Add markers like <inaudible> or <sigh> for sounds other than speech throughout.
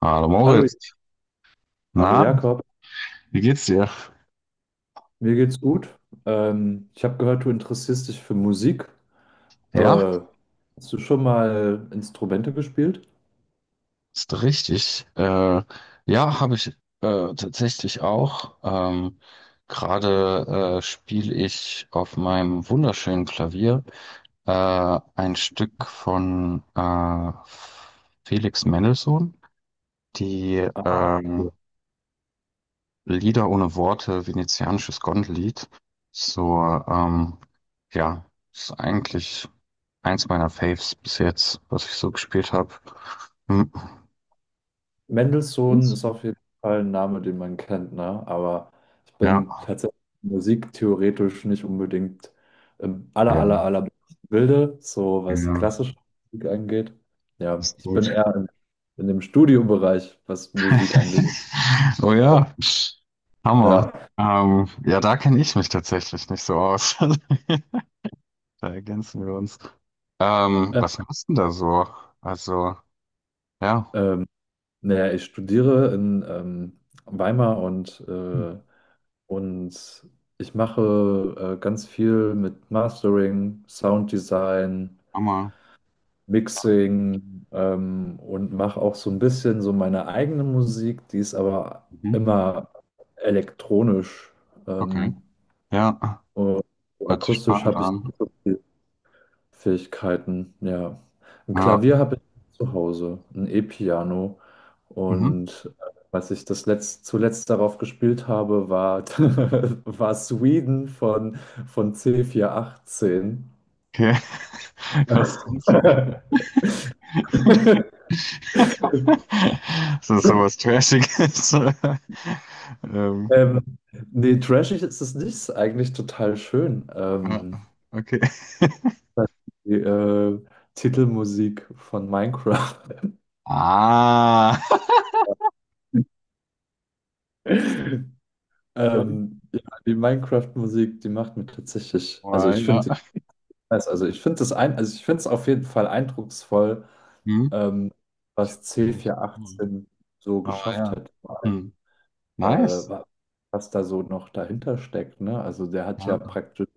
Hallo Hallo, Moritz. hallo Na, Jakob, wie geht's dir? mir geht's gut. Ich habe gehört, du interessierst dich für Musik. Ja, Äh, Hast du schon mal Instrumente gespielt? ist richtig. Ja, habe ich tatsächlich auch. Gerade spiele ich auf meinem wunderschönen Klavier ein Stück von Felix Mendelssohn, die Ah, cool. Lieder ohne Worte, venezianisches Gondellied. So, ähm, ja, ist eigentlich eins meiner Faves bis jetzt, was ich so gespielt habe. Hm, Mendelssohn Eins? ist auf jeden Fall ein Name, den man kennt, ne? Aber ich bin Ja. tatsächlich musiktheoretisch nicht unbedingt im aller, Ja, aller, aller Bilde, so was ja, klassische Musik angeht. Ja, ist ich bin gut. eher in dem Studiobereich, was Musik angeht. <laughs> Oh ja, Hammer. Ja. Ja, da kenne ich mich tatsächlich nicht so aus. <laughs> Da ergänzen wir uns. Äh, Was machst du denn da so? Also, ja. Ähm, Naja, ich studiere in Weimar, und Hm, und ich mache ganz viel mit Mastering, Sounddesign, Hammer. Mixing, und mache auch so ein bisschen so meine eigene Musik, die ist aber Mhm. immer elektronisch. Okay. Ähm, Ja, und so hört sich akustisch spannend habe ich an. nicht so Fähigkeiten, ja. Ein Ja. Klavier habe ich zu Hause, ein E-Piano. Mhm. Und als ich das zuletzt darauf gespielt habe, war, <laughs> war Sweden von, C418. Okay. <laughs> Was denn? <laughs> <laughs> Das ist sowas Trashiges. <laughs> Ähm, Ähm, Nee, trashig ist es nicht, ist eigentlich total schön. ja, okay. <laughs> Die Titelmusik von Minecraft. Ah. <laughs> <laughs> Ja, Ja, die Minecraft-Musik, die macht mir tatsächlich, also oh, ich ja. finde, also ich finde das ein, also ich finde es auf jeden Fall eindrucksvoll, Hm. ähm, was Gar nicht. Hm. C418 so Oh geschafft ja. hat, Hm. äh, Nice. wa- was da so noch dahinter steckt, ne? Also der hat ja Ja. praktisch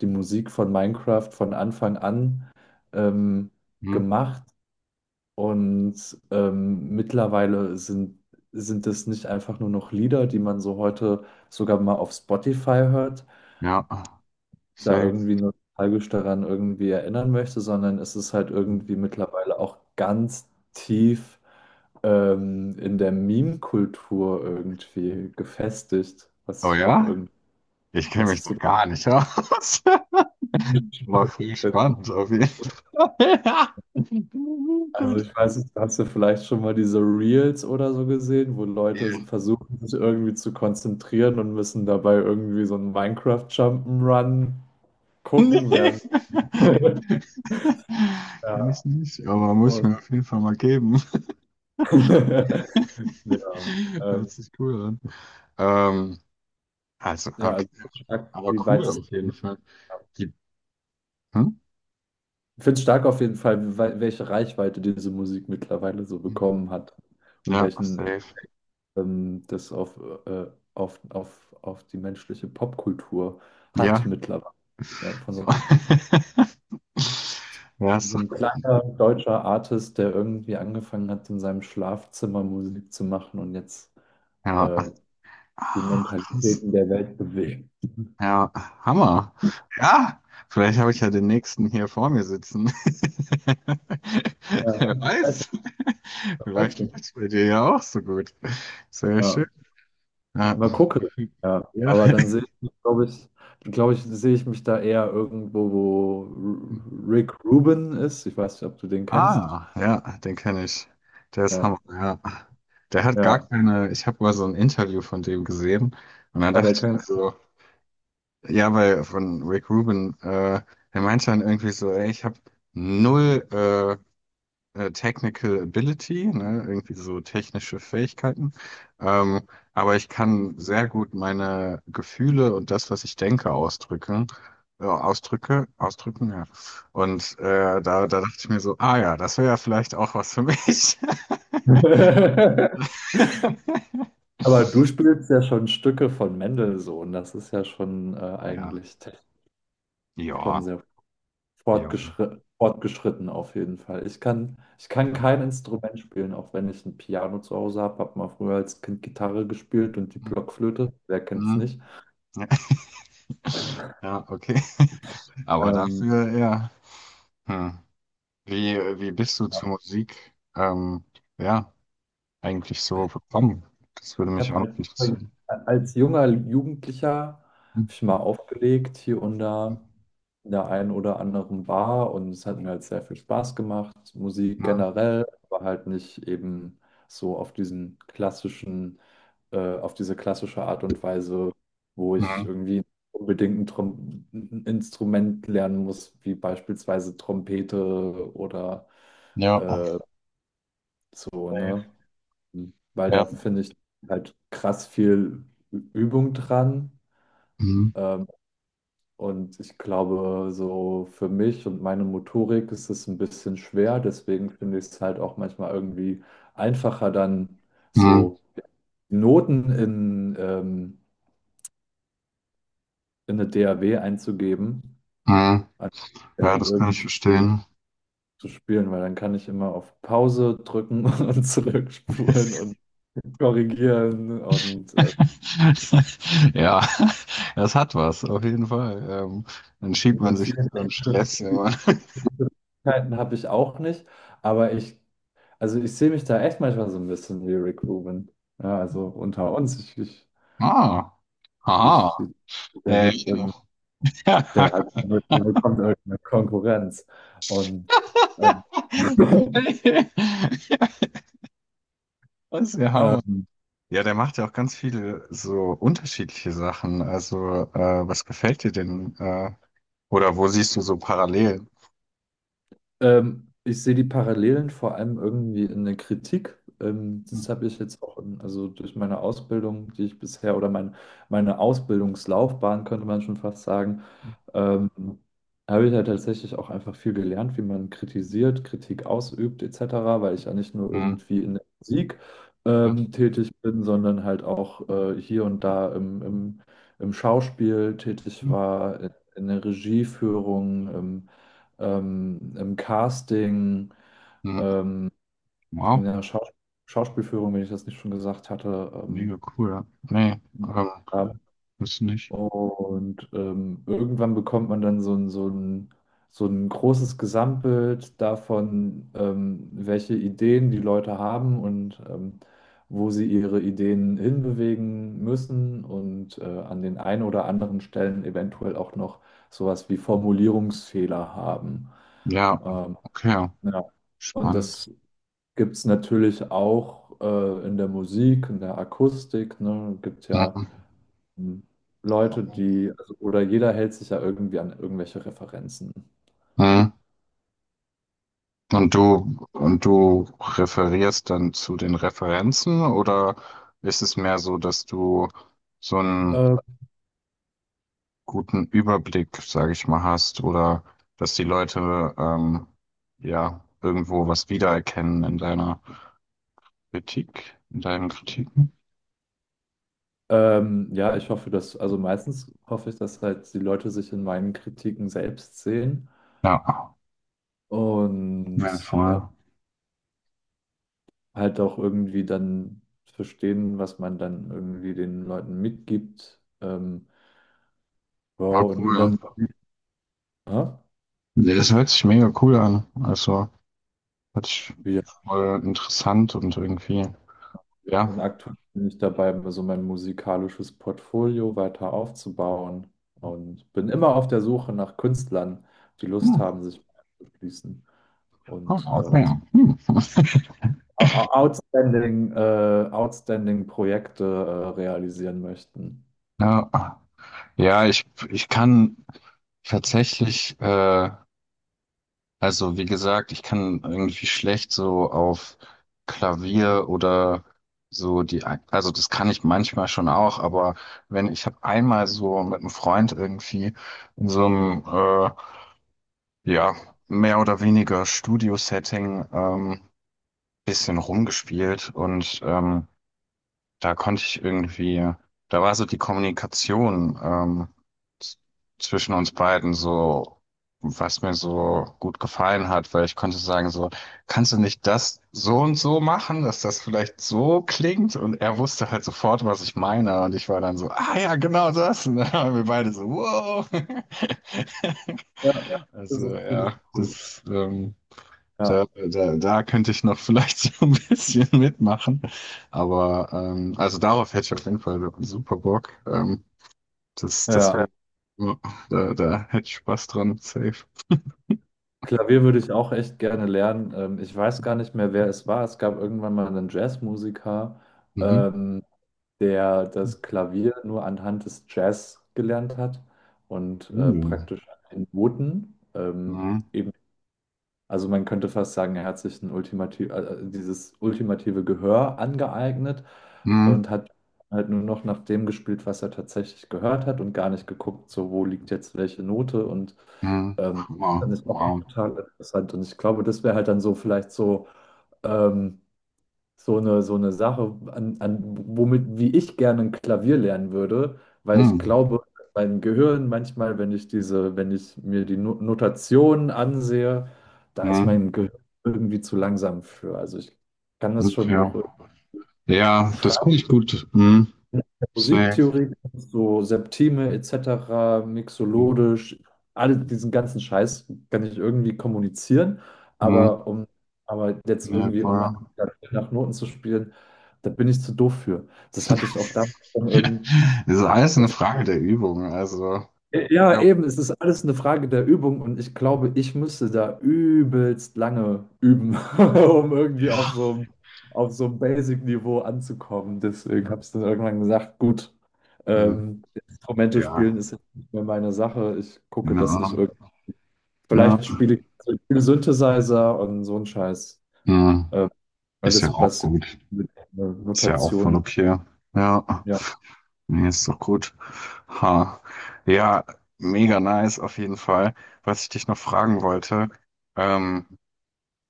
die Musik von Minecraft von Anfang an ähm, Hm. gemacht, und mittlerweile sind es nicht einfach nur noch Lieder, die man so heute sogar mal auf Spotify hört, Ja. da Safe. irgendwie nostalgisch daran irgendwie erinnern möchte, sondern es ist halt Hm. irgendwie mittlerweile auch ganz tief in der Meme-Kultur irgendwie gefestigt, Oh ja? Ich kenne was ich mich da super gar nicht aus. <laughs> War spannend viel finde. spannend auf jeden Fall. <laughs> Ja. Also Gut. ich weiß nicht, hast du vielleicht schon mal diese Reels oder so gesehen, wo Leute Nee. versuchen, sich irgendwie zu konzentrieren und müssen dabei irgendwie so einen Minecraft Jump'n'Run gucken, während <laughs> <laughs> ja, Kenne ich nicht, aber muss ich und mir auf jeden Fall mal geben. <laughs> ja, <laughs> Hört ähm, sich cool an. Ähm, also, ja, okay. also ich find's stark, Aber wie cool weit es. auf jeden Fall. Die, hm? Ich finde es stark auf jeden Fall, welche Reichweite diese Musik mittlerweile so bekommen hat und Ja, welchen safe. Das auf, äh, auf die menschliche Popkultur hat Ja. mittlerweile. Ja, von so So. einem, <laughs> Ja, so ist doch, einem kleiner deutscher Artist, der irgendwie angefangen hat, in seinem Schlafzimmer Musik zu machen und jetzt ja. äh, die Ah, krass. Mentalitäten der Welt bewegt. Ja, Hammer. Ja, vielleicht habe ich ja den nächsten hier vor mir sitzen. <laughs> Ja, Wer weiß ich, weiß. weiß Vielleicht läuft es bei dir ja auch so gut. Sehr schön. ich. Ja. Mal gucken. Ja, Ja. aber dann sehe ich, glaube ich, sehe ich mich da eher irgendwo, wo Rick Rubin ist. Ich weiß nicht, ob du den kennst. Ah, ja, den kenne ich. Der ist Ja, Hammer, ja. Der hat gar ja, keine, ich habe mal so ein Interview von dem gesehen und dann ja, der dachte ich mir kann. so, ja, weil von Rick Rubin, der meinte dann irgendwie so, ey, ich habe null Technical Ability, ne, irgendwie so technische Fähigkeiten. Ähm, aber ich kann sehr gut meine Gefühle und das, was ich denke, ausdrücken. Ausdrücken, ja. Und da dachte ich mir so, ah ja, das wäre ja vielleicht auch was für mich. <laughs> <laughs> Aber du spielst ja schon Stücke von Mendelssohn. Das ist ja schon Ja, eigentlich technisch schon ja, sehr ja. fortgeschritten, fortgeschritten auf jeden Fall. Ich kann Hm, kein Instrument spielen, auch wenn ich ein Piano zu Hause habe. Habe mal früher als Kind Gitarre gespielt und die hm, Blockflöte. Wer kennt's hm. nicht? Ja, <laughs> ja, okay. Aber Ähm, dafür, ja. Hm. Wie bist du ja. zur Musik? Ja. Eigentlich so bekommen? Das würde Ich mich habe auch noch als, interessieren. als junger Jugendlicher Mhm. hab ich mal aufgelegt hier und da in der einen oder anderen Bar, und es hat mir halt sehr viel Spaß gemacht. Musik Mhm. generell, aber halt nicht eben so auf auf diese klassische Art und Weise, wo ich Mhm. irgendwie unbedingt ein Instrument lernen muss, wie beispielsweise Trompete oder Ja, äh, so, Safe. ne? Hm. Weil da Ja. finde ich halt krass viel Übung dran. Mhm. Ähm, und ich glaube, so für mich und meine Motorik ist es ein bisschen schwer. Deswegen finde ich es halt auch manchmal irgendwie einfacher, dann Mhm. so Noten in eine DAW einzugeben, Mhm. als Ja, halt das kann ich irgendwie verstehen. zu spielen, weil dann kann ich immer auf Pause drücken <laughs> und zurückspulen und korrigieren und, äh, <laughs> Ja, das hat was, auf jeden Fall. Dann schiebt man und sich so einen Stress immer. <laughs> Möglichkeiten habe ich auch nicht, aber ich, also ich sehe mich da echt manchmal so ein bisschen wie Rick Rubin. Ja, also unter uns, Ah, ich, aha. der wird, Ja. irgend- <laughs> der hat, der wird- der bekommt irgendeine Konkurrenz. Und ähm, <laughs> Das ist ja Hammer. ähm, Ja, der macht ja auch ganz viele so unterschiedliche Sachen. Also, was gefällt dir denn? Oder wo siehst du so Parallelen? Ich sehe die Parallelen vor allem irgendwie in der Kritik. Hm, Das habe ich jetzt auch, also durch meine Ausbildung, die ich bisher oder meine Ausbildungslaufbahn, könnte man schon fast sagen, ähm, habe ich ja tatsächlich auch einfach viel gelernt, wie man kritisiert, Kritik ausübt, etc., weil ich ja nicht nur hm, irgendwie in der Musik ja, tätig bin, sondern halt auch hier und da im Schauspiel tätig hm, war, in der Regieführung. Im Casting, hm. in Wow, der Schauspielführung, wenn ich das nicht schon gesagt hatte. mega cool. Ja. Nee, Ja. ist nicht. Und irgendwann bekommt man dann so ein großes Gesamtbild davon, welche Ideen die Leute haben und wo sie ihre Ideen hinbewegen müssen und an den einen oder anderen Stellen eventuell auch noch sowas wie Formulierungsfehler haben. Ja, Ähm, okay, ja. Und spannend. das gibt es natürlich auch in der Musik, in der Akustik, ne, gibt ja Hm, hm, Leute, die, also, oder jeder hält sich ja irgendwie an irgendwelche Referenzen. hm. Und du referierst dann zu den Referenzen oder ist es mehr so, dass du so einen Äh, guten Überblick, sage ich mal, hast oder dass die Leute ja irgendwo was wiedererkennen in deiner Kritik, in deinen Kritiken? Ja, ich hoffe, dass, also meistens hoffe ich, dass halt die Leute sich in meinen Kritiken selbst sehen Ja, und ja, voll. Halt auch irgendwie dann verstehen, was man dann irgendwie den Leuten mitgibt. War Wow, und cool. in der Ja. Musik, ja, Nee, das hört sich mega cool an. Also, hört sich wie voll interessant und irgendwie, ja. und aktuell bin ich dabei, so mein musikalisches Portfolio weiter aufzubauen und bin immer auf der Suche nach Künstlern, die Lust Hm, haben, sich anzuschließen und oh, okay. Hm. <laughs> Outstanding Projekte realisieren möchten. Ja, ja, ich kann tatsächlich, also wie gesagt, ich kann irgendwie schlecht so auf Klavier oder so also das kann ich manchmal schon auch, aber wenn ich habe einmal so mit einem Freund irgendwie in so einem Ja, mehr oder weniger Studio-Setting, bisschen rumgespielt und da konnte ich irgendwie, da war so die Kommunikation z- zwischen uns beiden so, was mir so gut gefallen hat, weil ich konnte sagen so, kannst du nicht das so und so machen, dass das vielleicht so klingt? Und er wusste halt sofort, was ich meine und ich war dann so, ah ja, genau das. <laughs> Und dann waren wir beide so, wow. <laughs> Ja, das ist Also auch ziemlich ja, cool. Ja, da könnte ich noch vielleicht <laughs> so ein bisschen mitmachen. Aber also darauf hätte ich auf jeden Fall super Bock. Das ja. wäre. Ja. Da hätte ich Spaß dran, safe. Klavier würde ich auch echt gerne lernen. Ich weiß gar nicht mehr, wer es war. Es gab irgendwann mal einen Jazzmusiker. Mhm. Ähm, Der das Klavier nur anhand des Jazz gelernt hat und Uh. praktisch an den Noten. Mhm. Also man könnte fast sagen, er hat sich dieses ultimative Gehör angeeignet Mhm. und hat halt nur noch nach dem gespielt, was er tatsächlich gehört hat, und gar nicht geguckt, so wo liegt jetzt welche Note. Und Mhm. Das Wow. fand ich auch Wow. total interessant, und ich glaube, das wäre halt dann so vielleicht so ähm, so eine Sache, an, an, wie ich gerne ein Klavier lernen würde, weil ich Mhm. glaube, mein Gehirn manchmal, wenn ich mir die Notationen ansehe, da ist Mhm. mein Gehirn irgendwie zu langsam für. Also ich kann das schon Okay. auch. Ja, das konnte ich gut. Mhm. In der Safe. Musiktheorie, so Septime etc., mixologisch, all diesen ganzen Scheiß kann ich irgendwie kommunizieren, Mhm. aber um, aber jetzt Ja, irgendwie, um voll. nach Noten zu spielen, da bin ich zu doof für. Das hatte ich auch damals schon irgendwie. <laughs> Das ist alles eine Frage der Übung. Also, Ja, ja. eben, es ist alles eine Frage der Übung, und ich glaube, ich müsste da übelst lange üben, <laughs> um irgendwie Ja. Auf so ein Basic-Niveau anzukommen. Deswegen habe ich dann irgendwann gesagt, gut, Mhm. ähm, Instrumente spielen Ja. ist jetzt nicht mehr meine Sache. Ich gucke, Keine dass ich Ahnung. irgendwie, Ja, vielleicht spiele ich also ich spiele Synthesizer und so ein Scheiß. Hm, Ähm, ist ja Alles, auch was gut. mit Ist ja auch voll Notationen, okay. Ja. ja. Nee, ist doch gut. Ha. Ja, mega nice auf jeden Fall. Was ich dich noch fragen wollte, ähm,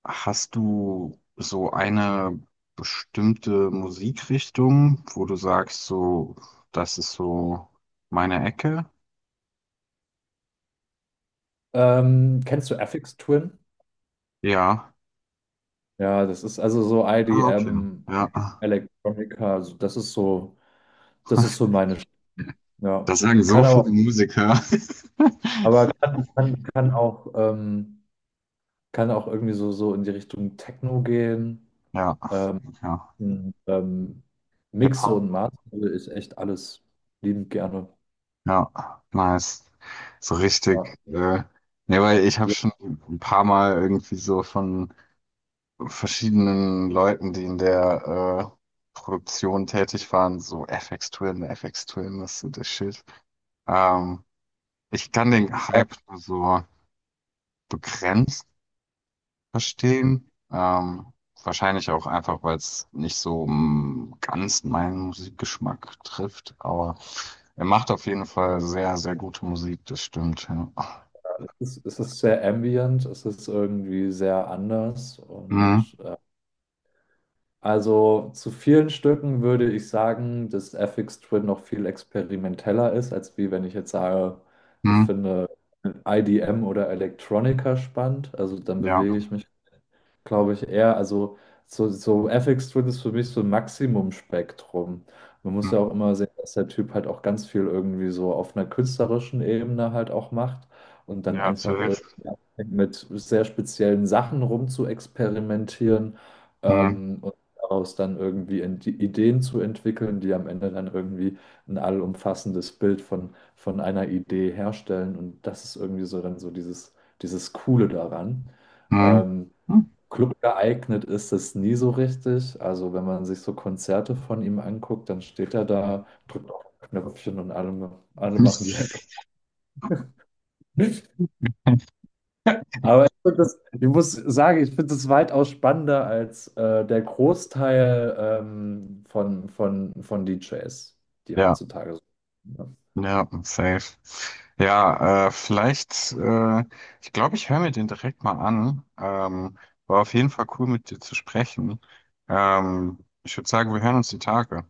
hast du so eine bestimmte Musikrichtung, wo du sagst, so, das ist so meine Ecke? Kennst du FX Twin? Ja. Ja, das ist also so Ah, okay. IDM, Ja. Electronica, das ist so <laughs> meine Stimme. Ja. Das sagen so Kann viele aber, Musiker. aber <laughs> kann auch irgendwie so in die Richtung Techno gehen. Ja, Ähm, ja. ähm, Mixe und Hip-Hop. Master ist echt alles liebend gerne. Ja, nice. So richtig. Ja. Ja, weil ich habe schon ein paar Mal irgendwie so von verschiedenen Leuten, die in der Produktion tätig waren, so FX Twin, FX Twin, was ist das Shit? Ähm, Ich kann den Ja, Hype nur so begrenzt verstehen. Wahrscheinlich auch einfach, weil es nicht so ganz meinen Musikgeschmack trifft. Aber er macht auf jeden Fall sehr, sehr gute Musik, das stimmt. Ja. Es ist sehr ambient, es ist irgendwie sehr anders, und Mhm. Also zu vielen Stücken würde ich sagen, dass FX Twin noch viel experimenteller ist, als wie wenn ich jetzt sage, ich Mhm. finde IDM oder Electronica spannend. Also dann bewege Ja. ich mich, glaube ich, eher, also so Ethics Twin ist für mich so ein Maximum-Spektrum. Man muss ja auch Mhm. immer sehen, dass der Typ halt auch ganz viel irgendwie so auf einer künstlerischen Ebene halt auch macht und dann Ja, zu einfach Recht. irgendwie anfängt, mit sehr speziellen Sachen rum zu experimentieren, Mhm. Und daraus dann irgendwie in die Ideen zu entwickeln, die am Ende dann irgendwie ein allumfassendes Bild von einer Idee herstellen. Und das ist irgendwie so dann so dieses, dieses Coole daran. Mhm. Ähm, Club geeignet ist es nie so richtig. Also wenn man sich so Konzerte von ihm anguckt, dann steht er Mhm. da, drückt auf ein Knöpfchen und alle, alle machen die Hände. <laughs> <laughs> Ich muss sagen, ich finde es weitaus spannender als der Großteil von DJs, die Ja, heutzutage so. ja, safe. Ja, vielleicht, ich glaube, ich höre mir den direkt mal an. War auf jeden Fall cool, mit dir zu sprechen. Ähm, Ich würde sagen, wir hören uns die Tage.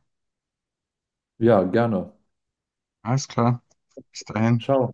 Ja, gerne. Alles klar, bis dahin. Ciao.